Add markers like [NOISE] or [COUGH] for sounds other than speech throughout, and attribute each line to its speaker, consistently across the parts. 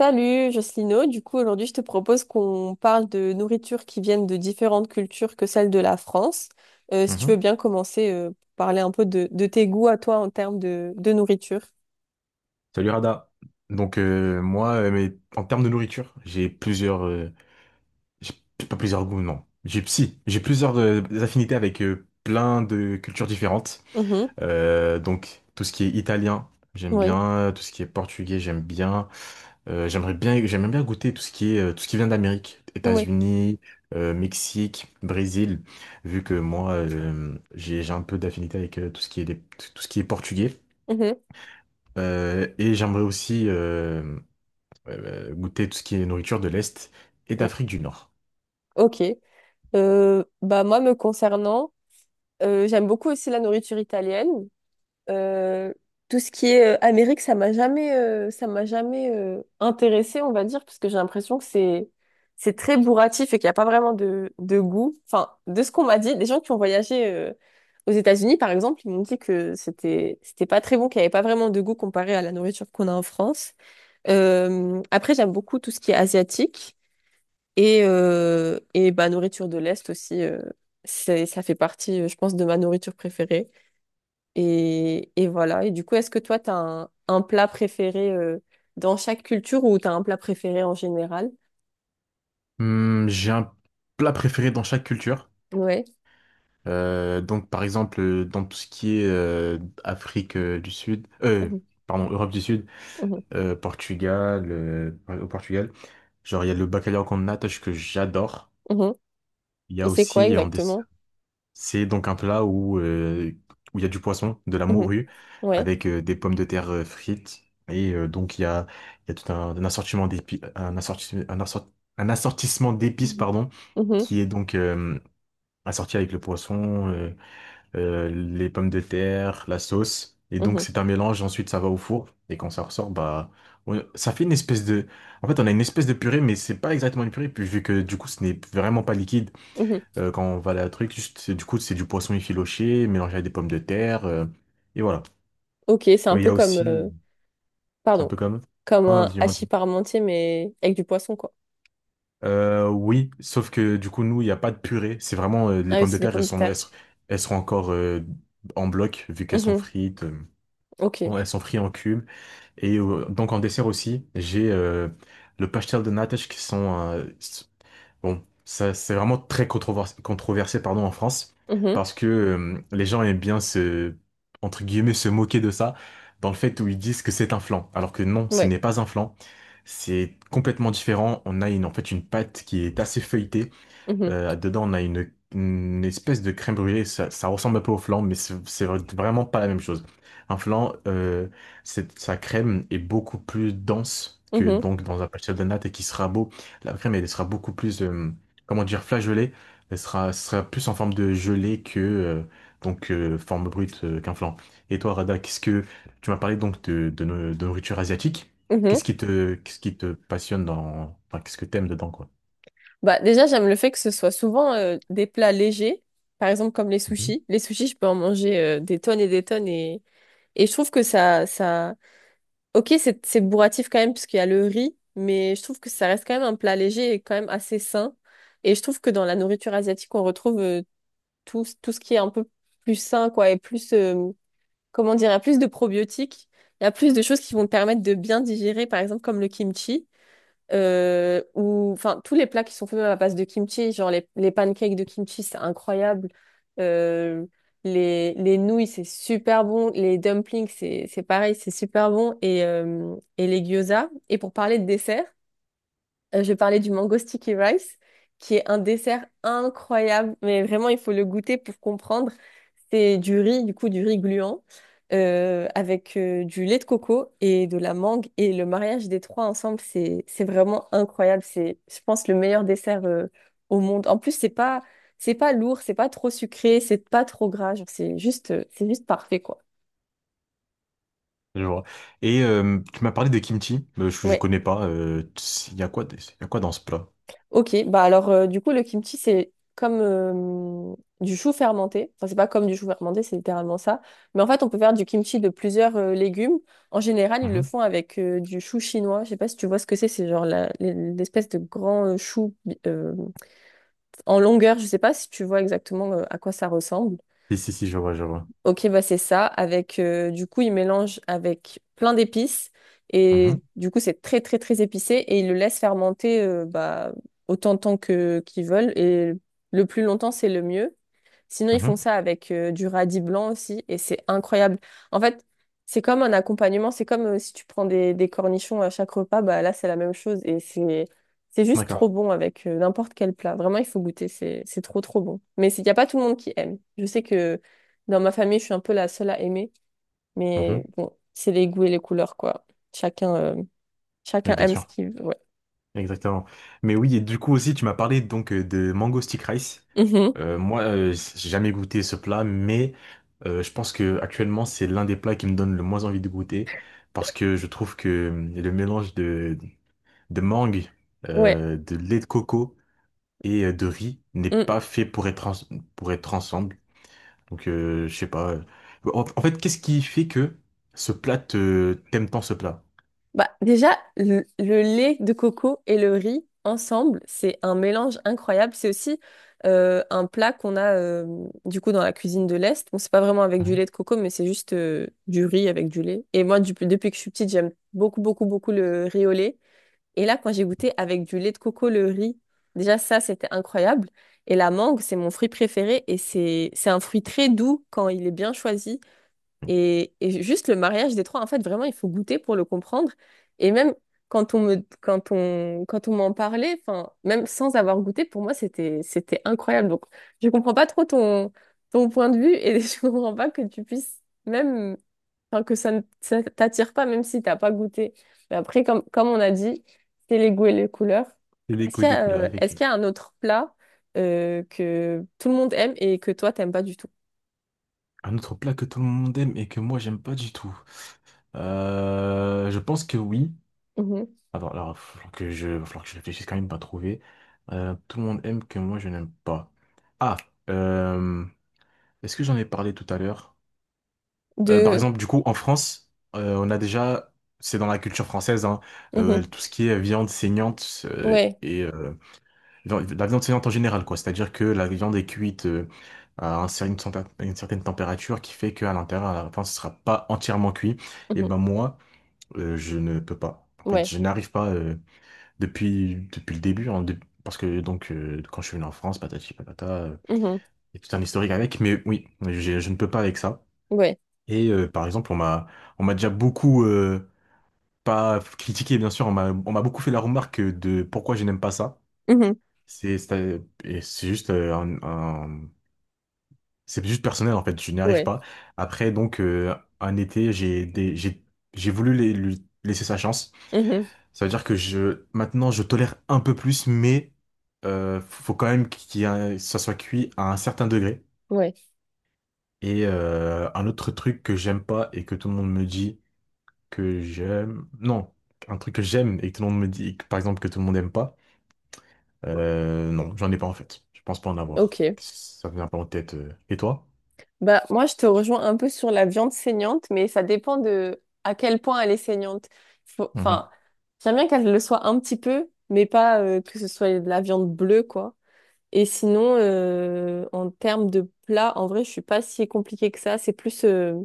Speaker 1: Salut Jocelyno, du coup aujourd'hui je te propose qu'on parle de nourriture qui viennent de différentes cultures que celles de la France. Si tu
Speaker 2: Mhm.
Speaker 1: veux bien commencer, parler un peu de tes goûts à toi en termes de nourriture.
Speaker 2: Salut Rada. Mais en termes de nourriture, j'ai pas plusieurs goûts, non. J'ai si, j'ai plusieurs affinités avec plein de cultures différentes.
Speaker 1: Mhm,
Speaker 2: Donc tout ce qui est italien, j'aime
Speaker 1: oui,
Speaker 2: bien. Tout ce qui est portugais, j'aime bien. J'aime bien goûter tout ce qui est, tout ce qui vient d'Amérique,
Speaker 1: oui.
Speaker 2: États-Unis, Mexique, Brésil. Vu que moi, j'ai un peu d'affinité avec tout ce qui est portugais.
Speaker 1: Mhm,
Speaker 2: Et j'aimerais aussi goûter tout ce qui est nourriture de l'Est et
Speaker 1: mm.
Speaker 2: d'Afrique du Nord.
Speaker 1: Ok. Bah moi me concernant, j'aime beaucoup aussi la nourriture italienne. Euh, tout ce qui est Amérique, ça m'a jamais intéressée, on va dire, parce que j'ai l'impression que c'est très bourratif et qu'il n'y a pas vraiment de goût. Enfin, de ce qu'on m'a dit, des gens qui ont voyagé aux États-Unis, par exemple, ils m'ont dit que c'était pas très bon, qu'il n'y avait pas vraiment de goût comparé à la nourriture qu'on a en France. Après, j'aime beaucoup tout ce qui est asiatique et bah nourriture de l'Est aussi. C'est ça fait partie, je pense, de ma nourriture préférée. Et voilà. Et du coup, est-ce que toi, tu as un plat préféré dans chaque culture ou tu as un plat préféré en général?
Speaker 2: Hmm, j'ai un plat préféré dans chaque culture.
Speaker 1: Ouais.
Speaker 2: Par exemple, dans tout ce qui est Afrique du Sud,
Speaker 1: Mhm,
Speaker 2: pardon, Europe du Sud,
Speaker 1: mhm,
Speaker 2: Portugal, au Portugal, genre il y a le bacalhau com natas que j'adore.
Speaker 1: mhm.
Speaker 2: Il y a
Speaker 1: Et c'est quoi
Speaker 2: aussi, en, dé-
Speaker 1: exactement?
Speaker 2: C'est donc un plat où il y a du poisson, de la
Speaker 1: Mhm,
Speaker 2: morue,
Speaker 1: ouais.
Speaker 2: avec des pommes de terre frites. Et euh, donc il y a, il y a tout un assortiment d'épices, un assortissement d'épices,
Speaker 1: Mhm,
Speaker 2: pardon,
Speaker 1: mhm,
Speaker 2: qui est donc assorti avec le poisson, les pommes de terre, la sauce. Et donc
Speaker 1: mhm,
Speaker 2: c'est un mélange, ensuite ça va au four. Et quand ça ressort, bah ça fait une espèce de. En fait, on a une espèce de purée, mais c'est pas exactement une purée, puis vu que du coup ce n'est vraiment pas liquide
Speaker 1: mhm.
Speaker 2: quand on va à la truc. Juste, du coup, c'est du poisson effiloché mélangé avec des pommes de terre, et voilà.
Speaker 1: Ok, c'est
Speaker 2: Et
Speaker 1: un
Speaker 2: il y
Speaker 1: peu
Speaker 2: a
Speaker 1: comme,
Speaker 2: aussi, c'est un
Speaker 1: pardon,
Speaker 2: peu comme.
Speaker 1: comme
Speaker 2: Non, non,
Speaker 1: un
Speaker 2: dis-moi,
Speaker 1: hachis
Speaker 2: dis-moi.
Speaker 1: parmentier, mais avec du poisson, quoi.
Speaker 2: Oui, sauf que du coup, nous, il n'y a pas de purée. C'est vraiment les
Speaker 1: Ah oui,
Speaker 2: pommes de
Speaker 1: c'est des
Speaker 2: terre,
Speaker 1: pommes de terre.
Speaker 2: elles seront encore en bloc, vu qu'elles sont
Speaker 1: Mhm,
Speaker 2: frites. euh,
Speaker 1: ok.
Speaker 2: en- elles sont frites en cubes. En dessert aussi, j'ai le pastel de nata qui sont. Bon, ça c'est vraiment très controversé, pardon, en France
Speaker 1: Mhm,
Speaker 2: parce que les gens aiment bien se, entre guillemets, se moquer de ça dans le fait où ils disent que c'est un flan, alors que non, ce
Speaker 1: ouais.
Speaker 2: n'est pas un flan. C'est complètement différent. On a une, en fait une pâte qui est assez feuilletée,
Speaker 1: Mhm,
Speaker 2: dedans, on a une espèce de crème brûlée. Ça ressemble un peu au flan, mais c'est vraiment pas la même chose. Un flan, sa crème est beaucoup plus dense que
Speaker 1: mhm,
Speaker 2: donc dans un pâtissier de natte et qui sera beau. La crème, elle sera beaucoup plus, comment dire, flageolée. Elle sera plus en forme de gelée que donc forme brute qu'un flan. Et toi, Rada, qu'est-ce que tu m'as parlé donc de, no- de nourriture asiatique?
Speaker 1: mhm.
Speaker 2: Qu'est-ce qui te passionne dans, enfin, qu'est-ce que t'aimes dedans, quoi?
Speaker 1: Bah, déjà, j'aime le fait que ce soit souvent des plats légers, par exemple comme les sushis. Les sushis, je peux en manger des tonnes et je trouve que ça... Ok, c'est bourratif quand même puisqu'il y a le riz, mais je trouve que ça reste quand même un plat léger et quand même assez sain. Et je trouve que dans la nourriture asiatique, on retrouve tout, tout ce qui est un peu plus sain, quoi, et plus, comment dire, il y a plus de probiotiques, il y a plus de choses qui vont te permettre de bien digérer, par exemple comme le kimchi ou enfin tous les plats qui sont faits à base de kimchi, genre les pancakes de kimchi, c'est incroyable. Euh, les, les nouilles, c'est super bon. Les dumplings, c'est pareil, c'est super bon. Et les gyoza. Et pour parler de dessert, je parlais du mango sticky rice, qui est un dessert incroyable, mais vraiment, il faut le goûter pour comprendre. C'est du riz, du coup, du riz gluant, avec du lait de coco et de la mangue. Et le mariage des trois ensemble, c'est vraiment incroyable. C'est, je pense, le meilleur dessert au monde. En plus, c'est pas lourd, c'est pas trop sucré, c'est pas trop gras. Genre, c'est juste, c'est juste parfait, quoi.
Speaker 2: Je vois. Et tu m'as parlé de kimchi. Je
Speaker 1: Ouais.
Speaker 2: connais pas. Il y a quoi, il y a quoi dans ce plat?
Speaker 1: Ok, bah alors du coup le kimchi c'est comme du chou fermenté. Enfin c'est pas comme du chou fermenté, c'est littéralement ça. Mais en fait on peut faire du kimchi de plusieurs légumes. En général ils le
Speaker 2: Mhm.
Speaker 1: font avec du chou chinois. Je sais pas si tu vois ce que c'est genre l'espèce de grand chou euh, en longueur. Je sais pas si tu vois exactement à quoi ça ressemble.
Speaker 2: Si, si, si, je vois, je vois.
Speaker 1: Ok, bah c'est ça. Avec, du coup, il mélange avec plein d'épices. Et
Speaker 2: Mhm,
Speaker 1: du coup, c'est très, très, très épicé. Et il le laisse fermenter bah, autant de temps que qu'ils veulent. Et le plus longtemps, c'est le mieux. Sinon, ils font
Speaker 2: mhm.
Speaker 1: ça avec du radis blanc aussi et c'est incroyable. En fait, c'est comme un accompagnement, c'est comme si tu prends des cornichons à chaque repas, bah là, c'est la même chose et c'est juste trop
Speaker 2: D'accord.
Speaker 1: bon avec n'importe quel plat. Vraiment, il faut goûter, c'est trop trop bon. Mais il n'y a pas tout le monde qui aime. Je sais que dans ma famille, je suis un peu la seule à aimer, mais
Speaker 2: Mhm.
Speaker 1: bon, c'est les goûts et les couleurs quoi. Chacun euh, chacun
Speaker 2: Mais bien
Speaker 1: aime ce
Speaker 2: sûr.
Speaker 1: qu'il veut. Ouais.
Speaker 2: Exactement. Mais oui, et du coup aussi, tu m'as parlé donc de mango stick rice.
Speaker 1: Mhm.
Speaker 2: Moi, j'ai jamais goûté ce plat, mais je pense que actuellement, c'est l'un des plats qui me donne le moins envie de goûter parce que je trouve que le mélange de mangue,
Speaker 1: Ouais.
Speaker 2: de lait de coco et de riz n'est
Speaker 1: Mm.
Speaker 2: pas fait pour être, pour être ensemble. Donc, je sais pas. En fait, qu'est-ce qui fait que ce plat, t'aimes tant ce plat?
Speaker 1: Bah, déjà, le lait de coco et le riz ensemble, c'est un mélange incroyable. C'est aussi un plat qu'on a du coup dans la cuisine de l'Est. Bon, c'est pas vraiment avec du
Speaker 2: Mhm.
Speaker 1: lait de coco, mais c'est juste du riz avec du lait. Et moi, depuis que je suis petite, j'aime beaucoup, beaucoup, beaucoup le riz au lait. Et là, quand j'ai goûté avec du lait de coco le riz, déjà ça, c'était incroyable. Et la mangue, c'est mon fruit préféré et c'est un fruit très doux quand il est bien choisi. Et juste le mariage des trois, en fait, vraiment, il faut goûter pour le comprendre. Et même quand on, quand on m'en parlait, enfin, même sans avoir goûté, pour moi, c'était, c'était incroyable. Donc, je comprends pas trop ton, ton point de vue et [LAUGHS] je comprends pas que tu puisses même, enfin, que ça t'attire pas, même si t'as pas goûté. Mais après, comme, comme on a dit, c'est les goûts et les couleurs.
Speaker 2: C'est les
Speaker 1: Est-ce
Speaker 2: goûts et
Speaker 1: qu'il y
Speaker 2: les
Speaker 1: a,
Speaker 2: couleurs,
Speaker 1: est-ce
Speaker 2: effectivement.
Speaker 1: qu'il y a un autre plat, que tout le monde aime et que toi, t'aimes pas du tout?
Speaker 2: Un autre plat que tout le monde aime et que moi, j'aime pas du tout. Je pense que oui.
Speaker 1: Mhm.
Speaker 2: Attends, alors, il va falloir que il va falloir que je réfléchisse quand même pas trouver. Tout le monde aime que moi, je n'aime pas. Ah, euh, est-ce que j'en ai parlé tout à l'heure? Par
Speaker 1: De,
Speaker 2: exemple, du coup, en France, on a déjà, c'est dans la culture française, hein,
Speaker 1: mhm.
Speaker 2: tout ce qui est viande saignante euh,
Speaker 1: Ouais.
Speaker 2: et euh, vi- la viande saignante en général, quoi. C'est-à-dire que la viande est cuite à un cer- une, centa- une certaine température qui fait qu'à l'intérieur, à la fin, ce sera pas entièrement cuit. Et
Speaker 1: Mhm.
Speaker 2: ben moi, je ne peux pas. En fait,
Speaker 1: Ouais,
Speaker 2: je n'arrive pas depuis le début, hein, parce que quand je suis venu en France, patati patata,
Speaker 1: mhm.
Speaker 2: il y a tout un historique avec. Mais oui, je ne peux pas avec ça.
Speaker 1: Ouais,
Speaker 2: Par exemple, on m'a déjà beaucoup pas critiqué, bien sûr, on m'a beaucoup fait la remarque de pourquoi je n'aime pas ça.
Speaker 1: mhm.
Speaker 2: C'est et c'est juste c'est juste personnel en fait, je n'y arrive
Speaker 1: Ouais,
Speaker 2: pas. Après un été, j'ai des- j'ai voulu lui laisser sa chance.
Speaker 1: mhm.
Speaker 2: Ça veut dire que je maintenant je tolère un peu plus, mais faut quand même qu'il y ait un- ça soit cuit à un certain degré.
Speaker 1: Ouais,
Speaker 2: Et un autre truc que j'aime pas et que tout le monde me dit que j'aime. Non, un truc que j'aime et que tout le monde me dit, et que, par exemple, que tout le monde n'aime pas. Non, j'en ai pas en fait. Je pense pas en avoir.
Speaker 1: ok.
Speaker 2: Ça me vient pas en tête. Et toi?
Speaker 1: Bah, moi, je te rejoins un peu sur la viande saignante, mais ça dépend de à quel point elle est saignante.
Speaker 2: Mhm,
Speaker 1: Enfin, j'aime bien qu'elle le soit un petit peu, mais pas que ce soit de la viande bleue, quoi. Et sinon, en termes de plat, en vrai, je suis pas si compliquée que ça. C'est plus,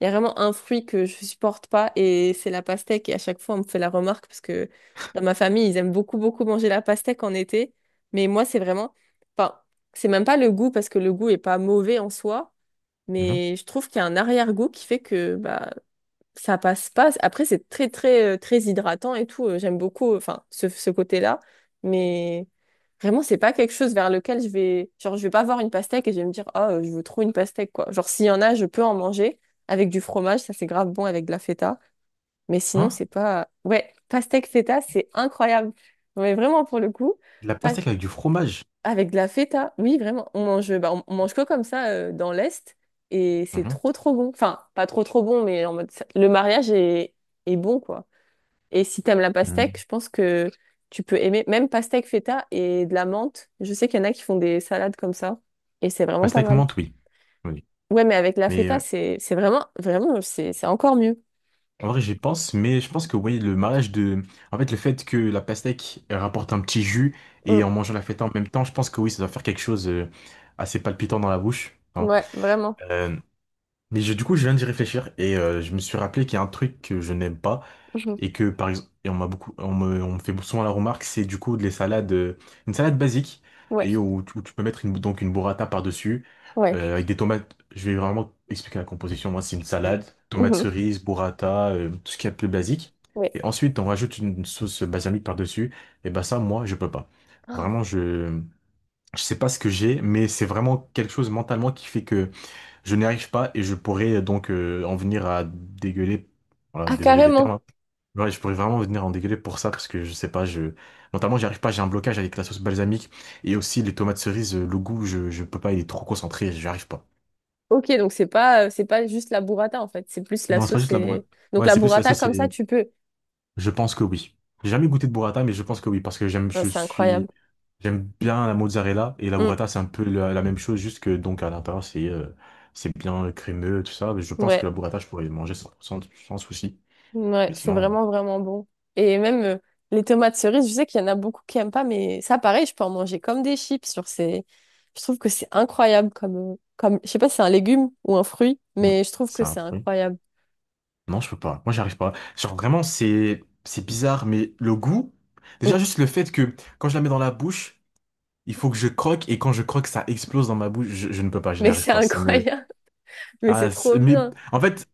Speaker 1: il y a vraiment un fruit que je supporte pas et c'est la pastèque. Et à chaque fois, on me fait la remarque parce que dans ma famille, ils aiment beaucoup, beaucoup manger la pastèque en été. Mais moi, c'est vraiment, enfin, c'est même pas le goût parce que le goût est pas mauvais en soi,
Speaker 2: mhm.
Speaker 1: mais je trouve qu'il y a un arrière-goût qui fait que, bah, ça passe pas. Après, c'est très, très, très hydratant et tout. J'aime beaucoup, enfin, ce côté-là. Mais vraiment, c'est pas quelque chose vers lequel je vais, genre, je vais pas voir une pastèque et je vais me dire, ah, je veux trop une pastèque, quoi. Genre, s'il y en a, je peux en manger avec du fromage. Ça, c'est grave bon avec de la feta. Mais sinon,
Speaker 2: Hein?
Speaker 1: c'est pas, ouais, pastèque feta, c'est incroyable. Mais vraiment, pour le coup,
Speaker 2: De la
Speaker 1: pas-
Speaker 2: pastèque avec du fromage?
Speaker 1: avec de la feta, oui, vraiment. On mange, bah, on mange que comme ça dans l'Est et c'est
Speaker 2: Mhm.
Speaker 1: trop trop bon. Enfin, pas trop trop bon, mais en mode le mariage est, est bon quoi. Et si t'aimes la pastèque,
Speaker 2: Hmm.
Speaker 1: je pense que tu peux aimer même pastèque feta et de la menthe. Je sais qu'il y en a qui font des salades comme ça et c'est vraiment pas
Speaker 2: Pastèque
Speaker 1: mal.
Speaker 2: menthe, oui. Oui.
Speaker 1: Ouais, mais avec la
Speaker 2: Mais
Speaker 1: feta,
Speaker 2: euh,
Speaker 1: c'est vraiment vraiment c'est encore mieux.
Speaker 2: en vrai, j'y pense, mais je pense que oui, le mariage de. En fait, le fait que la pastèque rapporte un petit jus et
Speaker 1: Mm.
Speaker 2: en mangeant la fête en même temps, je pense que oui, ça doit faire quelque chose assez palpitant dans la bouche, hein.
Speaker 1: Ouais, vraiment.
Speaker 2: Euh, Mais du coup, je viens d'y réfléchir et je me suis rappelé qu'il y a un truc que je n'aime pas
Speaker 1: Mhm.
Speaker 2: et que, par exemple, et on m'a on me fait souvent la remarque, c'est du coup les salades, une salade basique
Speaker 1: Ouais,
Speaker 2: et où tu peux mettre une, donc une burrata par-dessus
Speaker 1: ouais,
Speaker 2: avec des tomates. Je vais vraiment expliquer la composition. Moi, c'est une salade, tomates
Speaker 1: mhm.
Speaker 2: cerises, burrata, tout ce qu'il y a de plus basique.
Speaker 1: Ouais.
Speaker 2: Et ensuite, on rajoute une sauce balsamique par-dessus. Et ben ça, moi, je peux pas.
Speaker 1: Oh.
Speaker 2: Vraiment, je sais pas ce que j'ai, mais c'est vraiment quelque chose mentalement qui fait que je n'y arrive pas et je pourrais en venir à dégueuler. Voilà,
Speaker 1: Ah,
Speaker 2: désolé des termes,
Speaker 1: carrément.
Speaker 2: hein. Ouais, je pourrais vraiment venir en dégueuler pour ça parce que je sais pas, je mentalement j'y arrive pas, j'ai un blocage avec la sauce balsamique et aussi les tomates cerises, le goût, je peux pas, il est trop concentré, j'y arrive pas.
Speaker 1: Ok, donc c'est pas juste la burrata en fait, c'est plus la
Speaker 2: Non, c'est pas
Speaker 1: sauce
Speaker 2: juste la boîte.
Speaker 1: et... Donc
Speaker 2: Ouais,
Speaker 1: la
Speaker 2: c'est plus la
Speaker 1: burrata
Speaker 2: sauce.
Speaker 1: comme ça, tu peux.
Speaker 2: Je pense que oui. J'ai jamais goûté de burrata, mais je pense que oui, parce que j'aime,
Speaker 1: Non,
Speaker 2: je
Speaker 1: c'est incroyable.
Speaker 2: suis, j'aime bien la mozzarella et la
Speaker 1: Mm.
Speaker 2: burrata, c'est un peu la même chose, juste que donc à l'intérieur c'est bien crémeux, tout ça. Mais je pense
Speaker 1: Ouais,
Speaker 2: que la burrata, je pourrais manger sans souci.
Speaker 1: ouais,
Speaker 2: Mais
Speaker 1: c'est
Speaker 2: sinon,
Speaker 1: vraiment, vraiment bon. Et même les tomates cerises, je sais qu'il y en a beaucoup qui aiment pas, mais ça, pareil, je peux en manger comme des chips sur ces... Je trouve que c'est incroyable comme, comme... Je sais pas si c'est un légume ou un fruit,
Speaker 2: hmm,
Speaker 1: mais je trouve que
Speaker 2: c'est un
Speaker 1: c'est
Speaker 2: fruit.
Speaker 1: incroyable.
Speaker 2: Non, je peux pas. Moi, j'arrive pas. Genre vraiment, c'est bizarre, mais le goût, déjà
Speaker 1: Mm.
Speaker 2: juste le fait que quand je la mets dans la bouche, il faut que je croque et quand je croque, ça explose dans ma bouche. Je ne peux pas, je n'y
Speaker 1: Mais
Speaker 2: arrive
Speaker 1: c'est [LAUGHS]
Speaker 2: pas. Ça me.
Speaker 1: incroyable, mais c'est
Speaker 2: Ah,
Speaker 1: trop
Speaker 2: mais
Speaker 1: bien.
Speaker 2: en fait,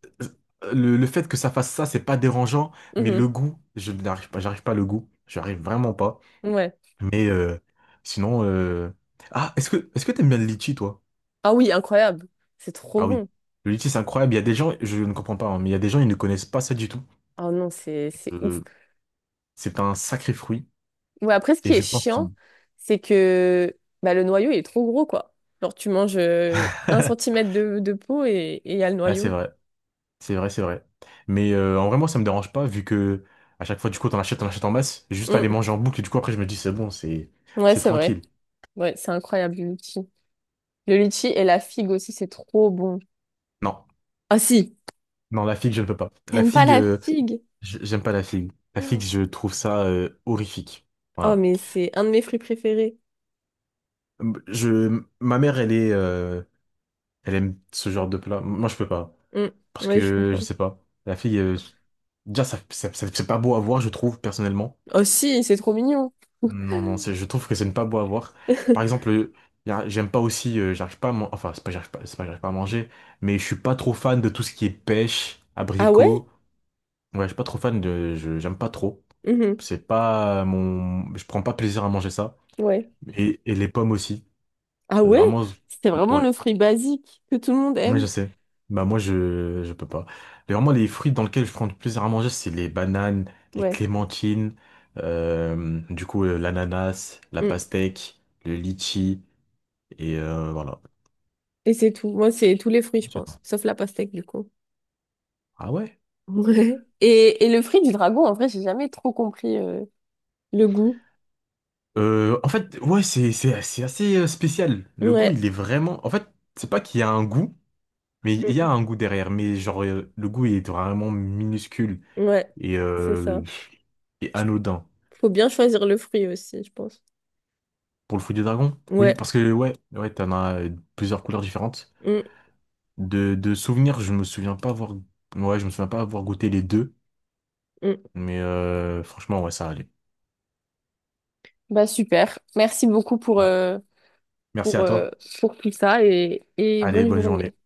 Speaker 2: le fait que ça fasse ça, c'est pas dérangeant, mais
Speaker 1: Mhm.
Speaker 2: le goût, je n'arrive pas, j'arrive pas à le goût, j'arrive vraiment pas.
Speaker 1: Ouais.
Speaker 2: Mais sinon, ah, est-ce que t'aimes bien le litchi, toi?
Speaker 1: Ah oui, incroyable. C'est trop
Speaker 2: Ah oui,
Speaker 1: bon.
Speaker 2: le litchi, c'est incroyable. Il y a des gens, je ne comprends pas, hein, mais il y a des gens, ils ne connaissent pas ça du tout.
Speaker 1: Ah non, c'est ouf.
Speaker 2: Euh, c'est un sacré fruit,
Speaker 1: Ouais, après, ce
Speaker 2: et
Speaker 1: qui est
Speaker 2: je pense
Speaker 1: chiant,
Speaker 2: qu'il
Speaker 1: c'est que bah, le noyau, il est trop gros, quoi. Genre, tu manges un
Speaker 2: [LAUGHS]
Speaker 1: centimètre de peau et il y a le
Speaker 2: Ouais, c'est
Speaker 1: noyau.
Speaker 2: vrai, c'est vrai, c'est vrai. Mais en vrai, moi, ça me dérange pas, vu que à chaque fois, du coup, t'en achètes en masse, juste à les
Speaker 1: Mm.
Speaker 2: manger en boucle, et du coup, après, je me dis, c'est bon, c'est
Speaker 1: Ouais,
Speaker 2: c'est
Speaker 1: c'est vrai.
Speaker 2: tranquille.
Speaker 1: Ouais, c'est incroyable, le litchi. Le litchi et la figue aussi, c'est trop bon.
Speaker 2: Non.
Speaker 1: Ah si,
Speaker 2: Non, la figue, je ne peux pas. La
Speaker 1: t'aimes pas
Speaker 2: figue,
Speaker 1: la
Speaker 2: euh,
Speaker 1: figue?
Speaker 2: je- j'aime pas la figue. La figue, je trouve ça horrifique.
Speaker 1: Oh,
Speaker 2: Voilà.
Speaker 1: mais c'est un de mes fruits préférés.
Speaker 2: Je, ma mère, elle aime ce genre de plat. Moi, je peux pas.
Speaker 1: Mm.
Speaker 2: Parce
Speaker 1: Ouais, je
Speaker 2: que,
Speaker 1: comprends.
Speaker 2: je sais pas. La figue, déjà, c'est pas beau à voir, je trouve, personnellement.
Speaker 1: Oh si, c'est trop mignon.
Speaker 2: Non, non, je trouve que c'est ne pas beau à voir. Par exemple,
Speaker 1: [LAUGHS]
Speaker 2: j'aime pas aussi, j'arrive pas à man- enfin, c'est pas, j'arrive pas, c'est pas, j'arrive pas à manger, mais je suis pas trop fan de tout ce qui est pêche,
Speaker 1: Ah ouais?
Speaker 2: abricot. Ouais, je suis pas trop fan de, j'aime pas trop.
Speaker 1: Mhm.
Speaker 2: C'est pas mon, je prends pas plaisir à manger ça.
Speaker 1: Ouais.
Speaker 2: Et les pommes aussi.
Speaker 1: Ah
Speaker 2: Euh,
Speaker 1: ouais?
Speaker 2: vraiment, z-
Speaker 1: C'est vraiment
Speaker 2: ouais.
Speaker 1: le fruit basique que tout le monde
Speaker 2: Ouais,
Speaker 1: aime.
Speaker 2: je sais. Bah, moi, je peux pas. Mais vraiment, les fruits dans lesquels je prends du plaisir à manger, c'est les bananes, les
Speaker 1: Ouais.
Speaker 2: clémentines, l'ananas, la
Speaker 1: Mm.
Speaker 2: pastèque, le litchi, et voilà.
Speaker 1: Et c'est tout. Moi, c'est tous les fruits, je pense. Sauf la pastèque, du coup.
Speaker 2: Ah ouais?
Speaker 1: Ouais. Et le fruit du dragon, en vrai, j'ai jamais trop compris le goût.
Speaker 2: En fait, c'est assez spécial. Le goût,
Speaker 1: Ouais.
Speaker 2: il est vraiment, en fait, c'est pas qu'il y a un goût. Mais il y a
Speaker 1: Mm.
Speaker 2: un goût derrière, mais genre, le goût il est vraiment minuscule
Speaker 1: Ouais.
Speaker 2: et,
Speaker 1: C'est
Speaker 2: euh,
Speaker 1: ça.
Speaker 2: et
Speaker 1: Je-
Speaker 2: anodin.
Speaker 1: Faut bien choisir le fruit aussi, je pense.
Speaker 2: Pour le fruit du dragon? Oui,
Speaker 1: Ouais.
Speaker 2: parce que ouais, ouais, t'en as plusieurs couleurs différentes.
Speaker 1: Mm.
Speaker 2: De souvenirs, je me souviens pas avoir. Ouais, je me souviens pas avoir goûté les deux.
Speaker 1: Mm.
Speaker 2: Mais franchement, ouais, ça allait.
Speaker 1: Bah super. Merci beaucoup
Speaker 2: Ah, merci à
Speaker 1: pour, euh,
Speaker 2: toi.
Speaker 1: pour tout ça et
Speaker 2: Allez,
Speaker 1: bonne
Speaker 2: bonne journée.
Speaker 1: journée.